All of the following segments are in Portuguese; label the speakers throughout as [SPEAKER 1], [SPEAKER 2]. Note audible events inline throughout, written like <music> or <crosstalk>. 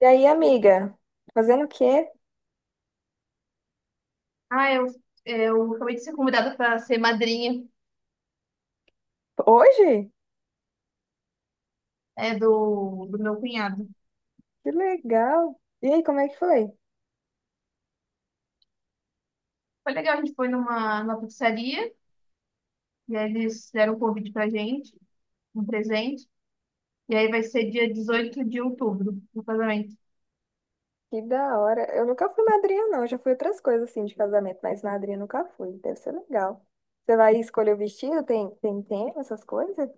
[SPEAKER 1] E aí, amiga? Fazendo o quê?
[SPEAKER 2] Ah, eu, eu acabei de ser convidada para ser madrinha,
[SPEAKER 1] Hoje?
[SPEAKER 2] é, do meu cunhado.
[SPEAKER 1] Que legal! E aí, como é que foi?
[SPEAKER 2] Foi legal, a gente foi numa pizzaria e aí eles deram um convite pra gente, um presente. E aí vai ser dia 18 de outubro, o casamento.
[SPEAKER 1] Que da hora. Eu nunca fui madrinha, não. Eu já fui outras coisas assim de casamento, mas madrinha eu nunca fui. Deve ser legal. Você vai escolher o vestido? Tem tema, essas coisas?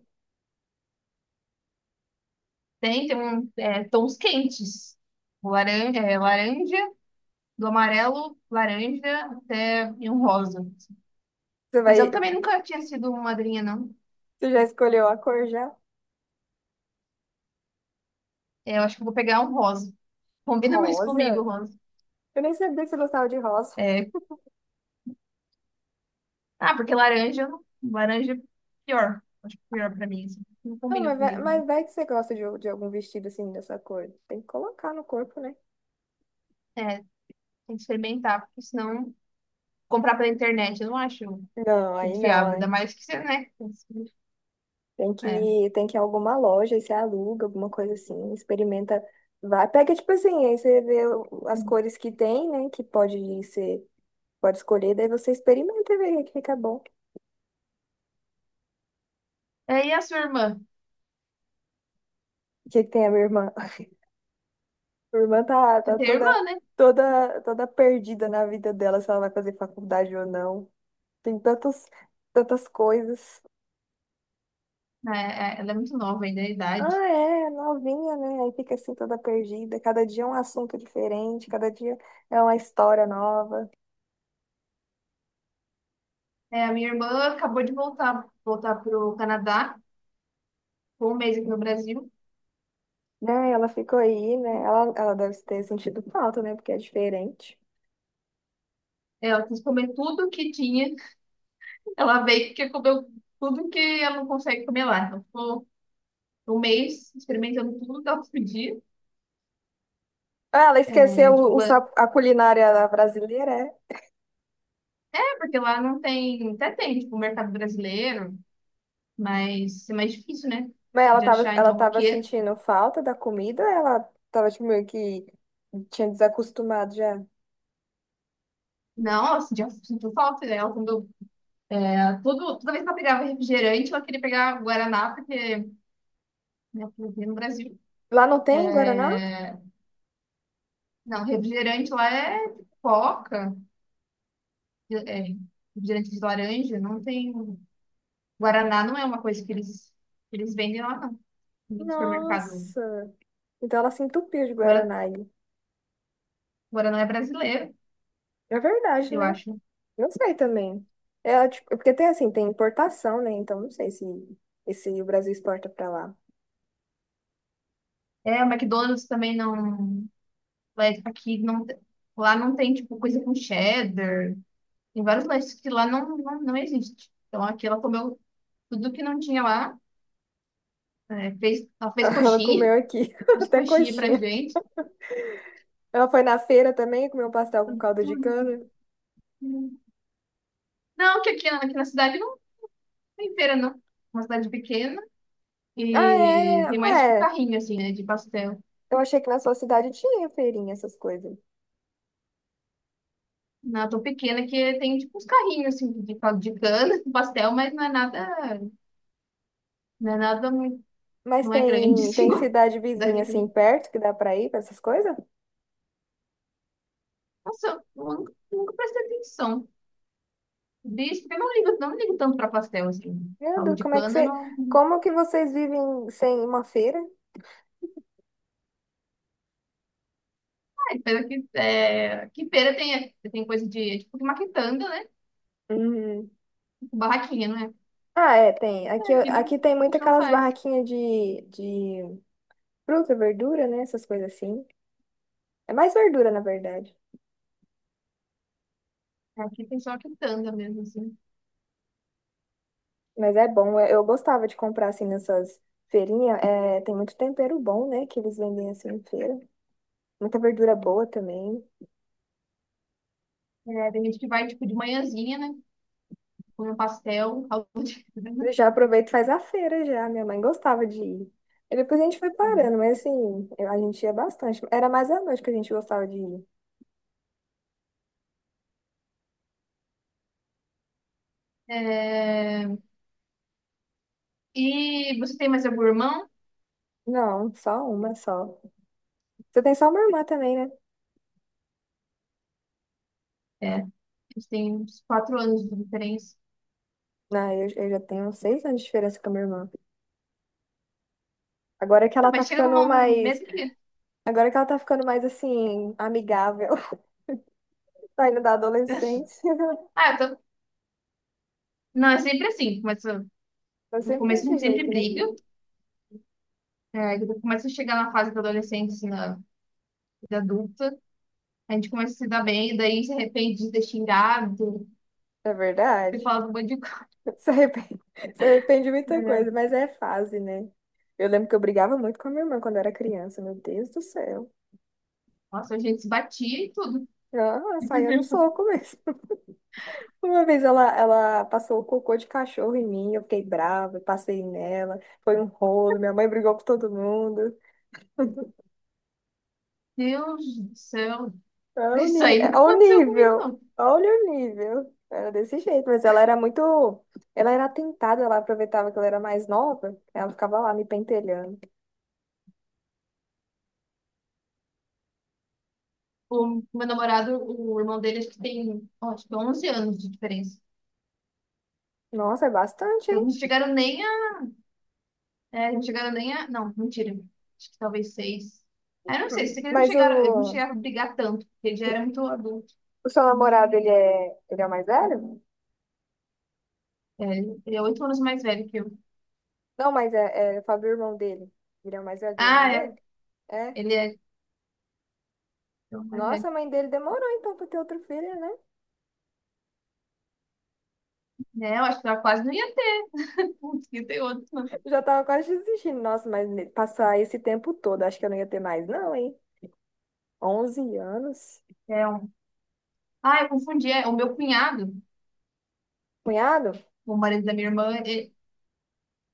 [SPEAKER 2] Tem, tem um, é, tons quentes. Laranja, do amarelo, laranja até e um rosa.
[SPEAKER 1] Você
[SPEAKER 2] Mas
[SPEAKER 1] vai,
[SPEAKER 2] eu também nunca tinha sido madrinha, não.
[SPEAKER 1] você já escolheu a cor já?
[SPEAKER 2] É, eu acho que eu vou pegar um rosa. Combina mais comigo,
[SPEAKER 1] Rosa?
[SPEAKER 2] rosa.
[SPEAKER 1] Eu nem sabia que você gostava de rosa.
[SPEAKER 2] É. Ah, porque laranja, eu não- Laranja é pior. Acho que é pior pra mim, assim. Não
[SPEAKER 1] Ah,
[SPEAKER 2] combina comigo.
[SPEAKER 1] mas vai que você gosta de algum vestido assim dessa cor. Tem que colocar no corpo, né?
[SPEAKER 2] É, tem que experimentar, porque senão comprar pela internet eu não acho
[SPEAKER 1] Não, aí
[SPEAKER 2] confiável.
[SPEAKER 1] não,
[SPEAKER 2] Ainda
[SPEAKER 1] né?
[SPEAKER 2] mais que você, né? É.
[SPEAKER 1] Tem que ir a alguma loja e você aluga, alguma coisa assim, experimenta. Vai, pega tipo assim, aí você vê o- as cores que tem, né? Que pode ser, pode escolher, daí você experimenta e vê o que fica bom.
[SPEAKER 2] É, e a sua irmã?
[SPEAKER 1] O que que tem a minha irmã? <laughs> Minha irmã tá,
[SPEAKER 2] Você
[SPEAKER 1] tá
[SPEAKER 2] tem irmã,
[SPEAKER 1] toda,
[SPEAKER 2] né?
[SPEAKER 1] toda, toda perdida na vida dela, se ela vai fazer faculdade ou não. Tem tantos, tantas coisas.
[SPEAKER 2] É, ela é muito nova ainda, a
[SPEAKER 1] Ah,
[SPEAKER 2] idade.
[SPEAKER 1] é, novinha, né? Aí fica assim toda perdida. Cada dia é um assunto diferente, cada dia é uma história nova.
[SPEAKER 2] É, a minha irmã acabou de voltar pro Canadá, ficou um mês aqui no Brasil.
[SPEAKER 1] Né? Ela ficou aí, né? Ela deve ter sentido falta, né? Porque é diferente.
[SPEAKER 2] Ela quis comer tudo que tinha. Ela veio porque comeu tudo que ela não consegue comer lá. Então ficou um mês experimentando tudo que ela podia.
[SPEAKER 1] Ah, ela esqueceu
[SPEAKER 2] É,
[SPEAKER 1] o
[SPEAKER 2] tipo,
[SPEAKER 1] sa-
[SPEAKER 2] é
[SPEAKER 1] a culinária brasileira, é?
[SPEAKER 2] é, porque lá não tem, até tem, tipo, o mercado brasileiro, mas é mais difícil, né?
[SPEAKER 1] Mas
[SPEAKER 2] De achar.
[SPEAKER 1] ela
[SPEAKER 2] Então
[SPEAKER 1] tava
[SPEAKER 2] aqui,
[SPEAKER 1] sentindo falta da comida, ou ela tava tipo, meio que tinha desacostumado já.
[SPEAKER 2] nossa, já sinto falta dela. Quando, é, tudo, toda vez que ela pegava refrigerante, ela queria pegar Guaraná, porque, né, porque no Brasil.
[SPEAKER 1] Lá não tem Guaraná?
[SPEAKER 2] É, não, refrigerante lá é coca, é, é, refrigerante de laranja, não tem. Guaraná não é uma coisa que eles vendem lá, não, no supermercado.
[SPEAKER 1] Nossa! Então ela se entupiu de
[SPEAKER 2] Guara-
[SPEAKER 1] Guaraná aí.
[SPEAKER 2] Guaraná é brasileiro,
[SPEAKER 1] É verdade,
[SPEAKER 2] eu
[SPEAKER 1] né?
[SPEAKER 2] acho.
[SPEAKER 1] Não sei também. É tipo, porque tem assim, tem importação, né? Então não sei se, se o Brasil exporta pra lá.
[SPEAKER 2] É, o McDonald's também não. Mas aqui não, te- Lá não tem, tipo, coisa com cheddar. Tem vários lanches que lá não existe. Então aqui ela comeu tudo que não tinha lá. Ela fez
[SPEAKER 1] <laughs> Ela
[SPEAKER 2] coxinha,
[SPEAKER 1] comeu aqui,
[SPEAKER 2] <laughs>
[SPEAKER 1] <laughs>
[SPEAKER 2] fez
[SPEAKER 1] até
[SPEAKER 2] coxinha pra
[SPEAKER 1] coxinha.
[SPEAKER 2] gente.
[SPEAKER 1] Ela foi na feira também, comeu um pastel com caldo de
[SPEAKER 2] Tudo.
[SPEAKER 1] cana.
[SPEAKER 2] Não, que aqui, na- Aqui na cidade não tem feira, não. É uma cidade pequena
[SPEAKER 1] Ah,
[SPEAKER 2] e
[SPEAKER 1] é?
[SPEAKER 2] tem mais,
[SPEAKER 1] Ah,
[SPEAKER 2] tipo,
[SPEAKER 1] é.
[SPEAKER 2] carrinho, assim, né, de pastel.
[SPEAKER 1] Eu achei que na sua cidade tinha feirinha, essas coisas.
[SPEAKER 2] Na tão pequena que tem, tipo, uns carrinhos, assim, de cana, <laughs> de pastel, mas não é nada muito,
[SPEAKER 1] Mas
[SPEAKER 2] não é grande,
[SPEAKER 1] tem,
[SPEAKER 2] assim, <laughs>
[SPEAKER 1] tem
[SPEAKER 2] igual a
[SPEAKER 1] cidade vizinha
[SPEAKER 2] cidade
[SPEAKER 1] assim
[SPEAKER 2] grande.
[SPEAKER 1] perto que dá pra ir pra essas coisas?
[SPEAKER 2] Nossa, eu nunca prestei atenção. Bicho, eu não ligo tanto pra pastel, assim.
[SPEAKER 1] Meu
[SPEAKER 2] Caldo
[SPEAKER 1] Deus,
[SPEAKER 2] de
[SPEAKER 1] como é que
[SPEAKER 2] cana,
[SPEAKER 1] você.
[SPEAKER 2] não.
[SPEAKER 1] Como que vocês vivem sem uma feira?
[SPEAKER 2] Ai, pena que, é, aqui feira tem, é, tem coisa de, é tipo, maquitanga, né?
[SPEAKER 1] Uhum.
[SPEAKER 2] Tipo, barraquinha, não é?
[SPEAKER 1] Ah, é, tem. Aqui,
[SPEAKER 2] É, aqui não,
[SPEAKER 1] aqui tem
[SPEAKER 2] a
[SPEAKER 1] muito
[SPEAKER 2] gente não
[SPEAKER 1] aquelas
[SPEAKER 2] faz.
[SPEAKER 1] barraquinhas de fruta, verdura, né? Essas coisas assim. É mais verdura, na verdade.
[SPEAKER 2] É, aqui tem só quitanda mesmo, assim.
[SPEAKER 1] Mas é bom, eu gostava de comprar assim nessas feirinhas. É, tem muito tempero bom, né? Que eles vendem assim em feira. Muita verdura boa também.
[SPEAKER 2] É, tem gente que vai, tipo, de manhãzinha, né? Come um pastel, <laughs> caldo de cana.
[SPEAKER 1] Eu já aproveito e faz a feira já. Minha mãe gostava de ir. E depois a gente foi parando, mas assim, eu- a gente ia bastante. Era mais à noite que a gente gostava de ir.
[SPEAKER 2] É, e você tem mais algum irmão?
[SPEAKER 1] Não, só uma só. Você tem só uma irmã também, né?
[SPEAKER 2] É, eles têm uns quatro anos de diferença.
[SPEAKER 1] Não, eu já tenho seis anos de diferença com a minha irmã. Agora que
[SPEAKER 2] Ah,
[SPEAKER 1] ela tá
[SPEAKER 2] mas chega
[SPEAKER 1] ficando
[SPEAKER 2] numa,
[SPEAKER 1] mais.
[SPEAKER 2] mesmo que...
[SPEAKER 1] Agora que ela tá ficando mais assim, amigável, <laughs> saindo da
[SPEAKER 2] <laughs>
[SPEAKER 1] adolescência.
[SPEAKER 2] Ah, eu tô, Não, é sempre assim.
[SPEAKER 1] Tô
[SPEAKER 2] No
[SPEAKER 1] sempre
[SPEAKER 2] começo a
[SPEAKER 1] desse
[SPEAKER 2] gente sempre
[SPEAKER 1] jeito, né?
[SPEAKER 2] briga. É, quando começa a chegar na fase da adolescência, na vida adulta, a gente começa a se dar bem, e daí se arrepende de ter xingado,
[SPEAKER 1] É
[SPEAKER 2] ter
[SPEAKER 1] verdade.
[SPEAKER 2] falado um monte de coisa.
[SPEAKER 1] Se arrepende, <laughs> se arrepende de muita
[SPEAKER 2] Né?
[SPEAKER 1] coisa, mas é fase, né? Eu lembro que eu brigava muito com a minha irmã quando eu era criança, meu Deus do céu.
[SPEAKER 2] Nossa, a gente se batia e tudo.
[SPEAKER 1] Ela saía no soco mesmo. <laughs> Uma vez ela, ela passou o cocô de cachorro em mim, eu fiquei brava, passei nela, foi um rolo, minha mãe brigou com todo mundo.
[SPEAKER 2] Deus do céu. <laughs>
[SPEAKER 1] Olha o,
[SPEAKER 2] Isso
[SPEAKER 1] ni-
[SPEAKER 2] aí
[SPEAKER 1] é,
[SPEAKER 2] nunca
[SPEAKER 1] olha o
[SPEAKER 2] aconteceu comigo,
[SPEAKER 1] nível,
[SPEAKER 2] não.
[SPEAKER 1] olha o nível. Era desse jeito, mas ela era muito. Ela era atentada, ela aproveitava que ela era mais nova, ela ficava lá me pentelhando.
[SPEAKER 2] O meu namorado, o irmão dele, acho que tem, ó, acho que 11 anos de diferença.
[SPEAKER 1] Nossa, é bastante,
[SPEAKER 2] Então, não
[SPEAKER 1] hein?
[SPEAKER 2] chegaram nem a. É, não chegaram nem a. Não, mentira. Acho que talvez seis. Ah, eu não sei, se eles não
[SPEAKER 1] Mas
[SPEAKER 2] chegaram, eles não chegaram a brigar tanto, porque ele já era muito adulto.
[SPEAKER 1] o seu namorado, ele é o mais velho?
[SPEAKER 2] Ele é oito anos mais velho que eu.
[SPEAKER 1] Não, mas é, é, eu falo do irmão dele. Ele é o mais velho do irmão
[SPEAKER 2] Ah, é.
[SPEAKER 1] dele? É.
[SPEAKER 2] Ele é oito mais
[SPEAKER 1] Nossa,
[SPEAKER 2] velho.
[SPEAKER 1] a mãe dele demorou então pra ter outro filho, né?
[SPEAKER 2] Né, eu acho que ela quase não ia ter. <laughs> Putz, que tem outro.
[SPEAKER 1] Já tava quase desistindo. Nossa, mas ne- passar esse tempo todo, acho que eu não ia ter mais, não, hein? Onze anos.
[SPEAKER 2] É um... Ah, eu confundi. É, o meu cunhado,
[SPEAKER 1] Cunhado?
[SPEAKER 2] o marido da minha irmã, ele-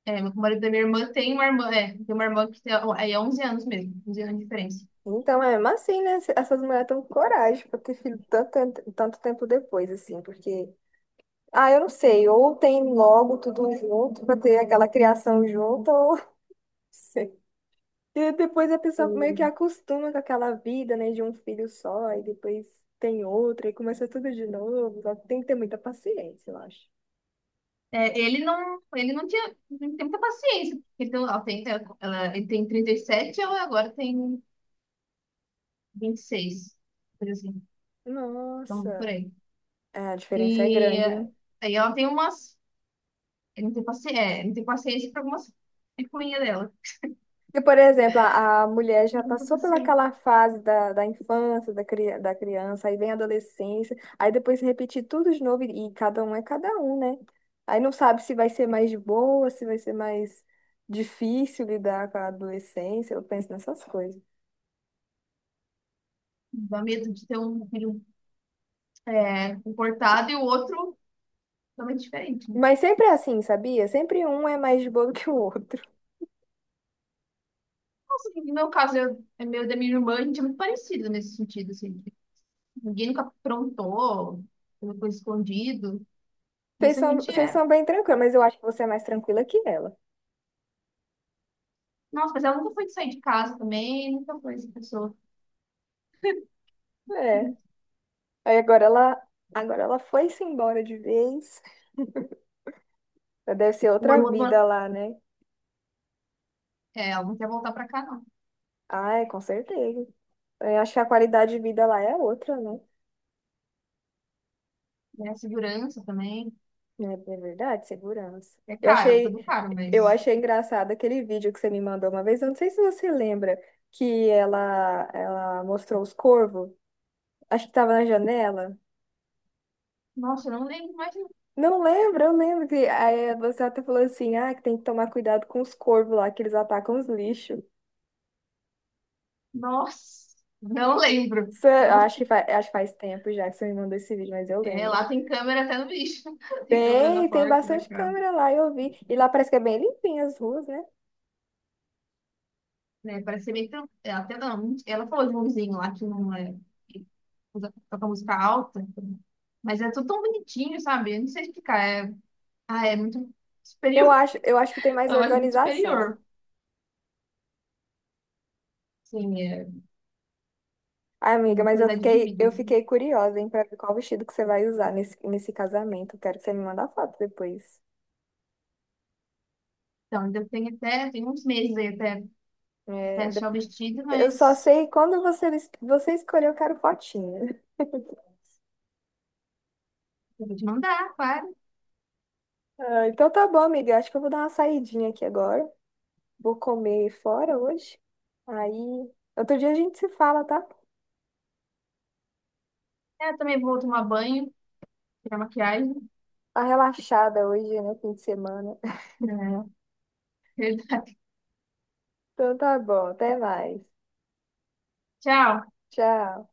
[SPEAKER 2] é, o marido da minha irmã tem uma irmã, que tem, aí é 11 anos mesmo, 11 anos de diferença.
[SPEAKER 1] Então, é mesmo assim, né? Essas mulheres estão com coragem pra ter filho tanto, tanto tempo depois, assim, porque ah, eu não sei. Ou tem logo tudo junto para ter aquela criação junto, ou <laughs> não sei. E depois a pessoa meio que acostuma com aquela vida, né, de um filho só, e depois tem outro, e começa tudo de novo. Só que tem que ter muita paciência, eu acho.
[SPEAKER 2] É, ele não tinha, não tem muita paciência. Porque ele tem 37 e ela agora tem 26, coisa assim, então por
[SPEAKER 1] Nossa,
[SPEAKER 2] aí.
[SPEAKER 1] é, a diferença é
[SPEAKER 2] E
[SPEAKER 1] grande,
[SPEAKER 2] eh,
[SPEAKER 1] hein?
[SPEAKER 2] aí ela tem umas Eu não tenho paciência, é, não tenho paciência para algumas picuinhas dela.
[SPEAKER 1] Porque, por exemplo, a mulher já
[SPEAKER 2] Não tenho
[SPEAKER 1] passou
[SPEAKER 2] paciência.
[SPEAKER 1] pelaquela fase da, da infância, da, cri, da criança, aí vem a adolescência, aí depois repetir tudo de novo, e cada um é cada um, né? Aí não sabe se vai ser mais de boa, se vai ser mais difícil lidar com a adolescência, eu penso nessas coisas.
[SPEAKER 2] Dá medo de ter um filho, é, comportado e o outro totalmente diferente. Né?
[SPEAKER 1] Mas sempre é assim, sabia? Sempre um é mais de boa do que o outro.
[SPEAKER 2] Nossa, no meu caso, eu, é meu e da minha irmã, a gente é muito parecido nesse sentido, assim. Ninguém nunca aprontou, nunca foi escondido. Isso a gente
[SPEAKER 1] Vocês
[SPEAKER 2] é.
[SPEAKER 1] são bem tranquilos, mas eu acho que você é mais tranquila que ela.
[SPEAKER 2] Nossa, mas ela nunca foi de sair de casa também, nunca foi essa pessoa.
[SPEAKER 1] É.
[SPEAKER 2] Uhum.
[SPEAKER 1] Aí agora ela foi-se embora de vez. Deve ser
[SPEAKER 2] O
[SPEAKER 1] outra vida
[SPEAKER 2] hormônio,
[SPEAKER 1] lá, né?
[SPEAKER 2] Ela não quer voltar pra cá, não.
[SPEAKER 1] Ah, é, com certeza. Eu acho que a qualidade de vida lá é outra, né?
[SPEAKER 2] É a segurança também.
[SPEAKER 1] É é, verdade, segurança.
[SPEAKER 2] É caro, tudo caro,
[SPEAKER 1] Eu
[SPEAKER 2] mas.
[SPEAKER 1] achei engraçado aquele vídeo que você me mandou uma vez. Eu não sei se você lembra que ela mostrou os corvos. Acho que estava na janela.
[SPEAKER 2] Nossa, eu não lembro mais.
[SPEAKER 1] Não lembro, eu lembro que aí você até falou assim, ah, que tem que tomar cuidado com os corvos lá, que eles atacam os lixos.
[SPEAKER 2] Nossa, não lembro.
[SPEAKER 1] Isso é-
[SPEAKER 2] Não-
[SPEAKER 1] Acho que faz tempo já que você me mandou esse vídeo, mas eu
[SPEAKER 2] É,
[SPEAKER 1] lembro.
[SPEAKER 2] lá tem câmera até no bicho. <laughs> Tem câmera na
[SPEAKER 1] Tem, tem
[SPEAKER 2] porta da
[SPEAKER 1] bastante
[SPEAKER 2] casa.
[SPEAKER 1] câmera lá, eu vi. E lá parece que é bem limpinho as ruas, né?
[SPEAKER 2] Né, parece ser bem tran- é, Até não. Ela falou de um vizinho lá que não é. que Toca música alta. Mas é tudo tão bonitinho, sabe? Eu não sei explicar. É, ah, é muito superior.
[SPEAKER 1] Eu acho que tem
[SPEAKER 2] <laughs>
[SPEAKER 1] mais
[SPEAKER 2] Eu acho muito
[SPEAKER 1] organização.
[SPEAKER 2] superior. Assim, é,
[SPEAKER 1] Ai,
[SPEAKER 2] tem
[SPEAKER 1] amiga,
[SPEAKER 2] uma
[SPEAKER 1] mas
[SPEAKER 2] qualidade de vida,
[SPEAKER 1] eu
[SPEAKER 2] assim.
[SPEAKER 1] fiquei curiosa, hein, pra ver qual vestido que você vai usar nesse, nesse casamento. Quero que você me mande a foto depois.
[SPEAKER 2] Então, ainda tem até, tem uns meses aí até, até
[SPEAKER 1] É,
[SPEAKER 2] achar o
[SPEAKER 1] depois.
[SPEAKER 2] vestido,
[SPEAKER 1] Eu só
[SPEAKER 2] mas
[SPEAKER 1] sei quando você, es- você escolher, eu quero fotinho.
[SPEAKER 2] eu vou te mandar, claro.
[SPEAKER 1] Ah, <laughs> então tá bom, amiga. Eu acho que eu vou dar uma saidinha aqui agora. Vou comer fora hoje. Aí, outro dia a gente se fala, tá?
[SPEAKER 2] É, eu também vou tomar banho, tirar maquiagem.
[SPEAKER 1] Tá relaxada hoje, né? Fim de semana. <laughs>
[SPEAKER 2] É, <laughs> verdade.
[SPEAKER 1] Então tá bom, até mais.
[SPEAKER 2] Tchau.
[SPEAKER 1] Tchau.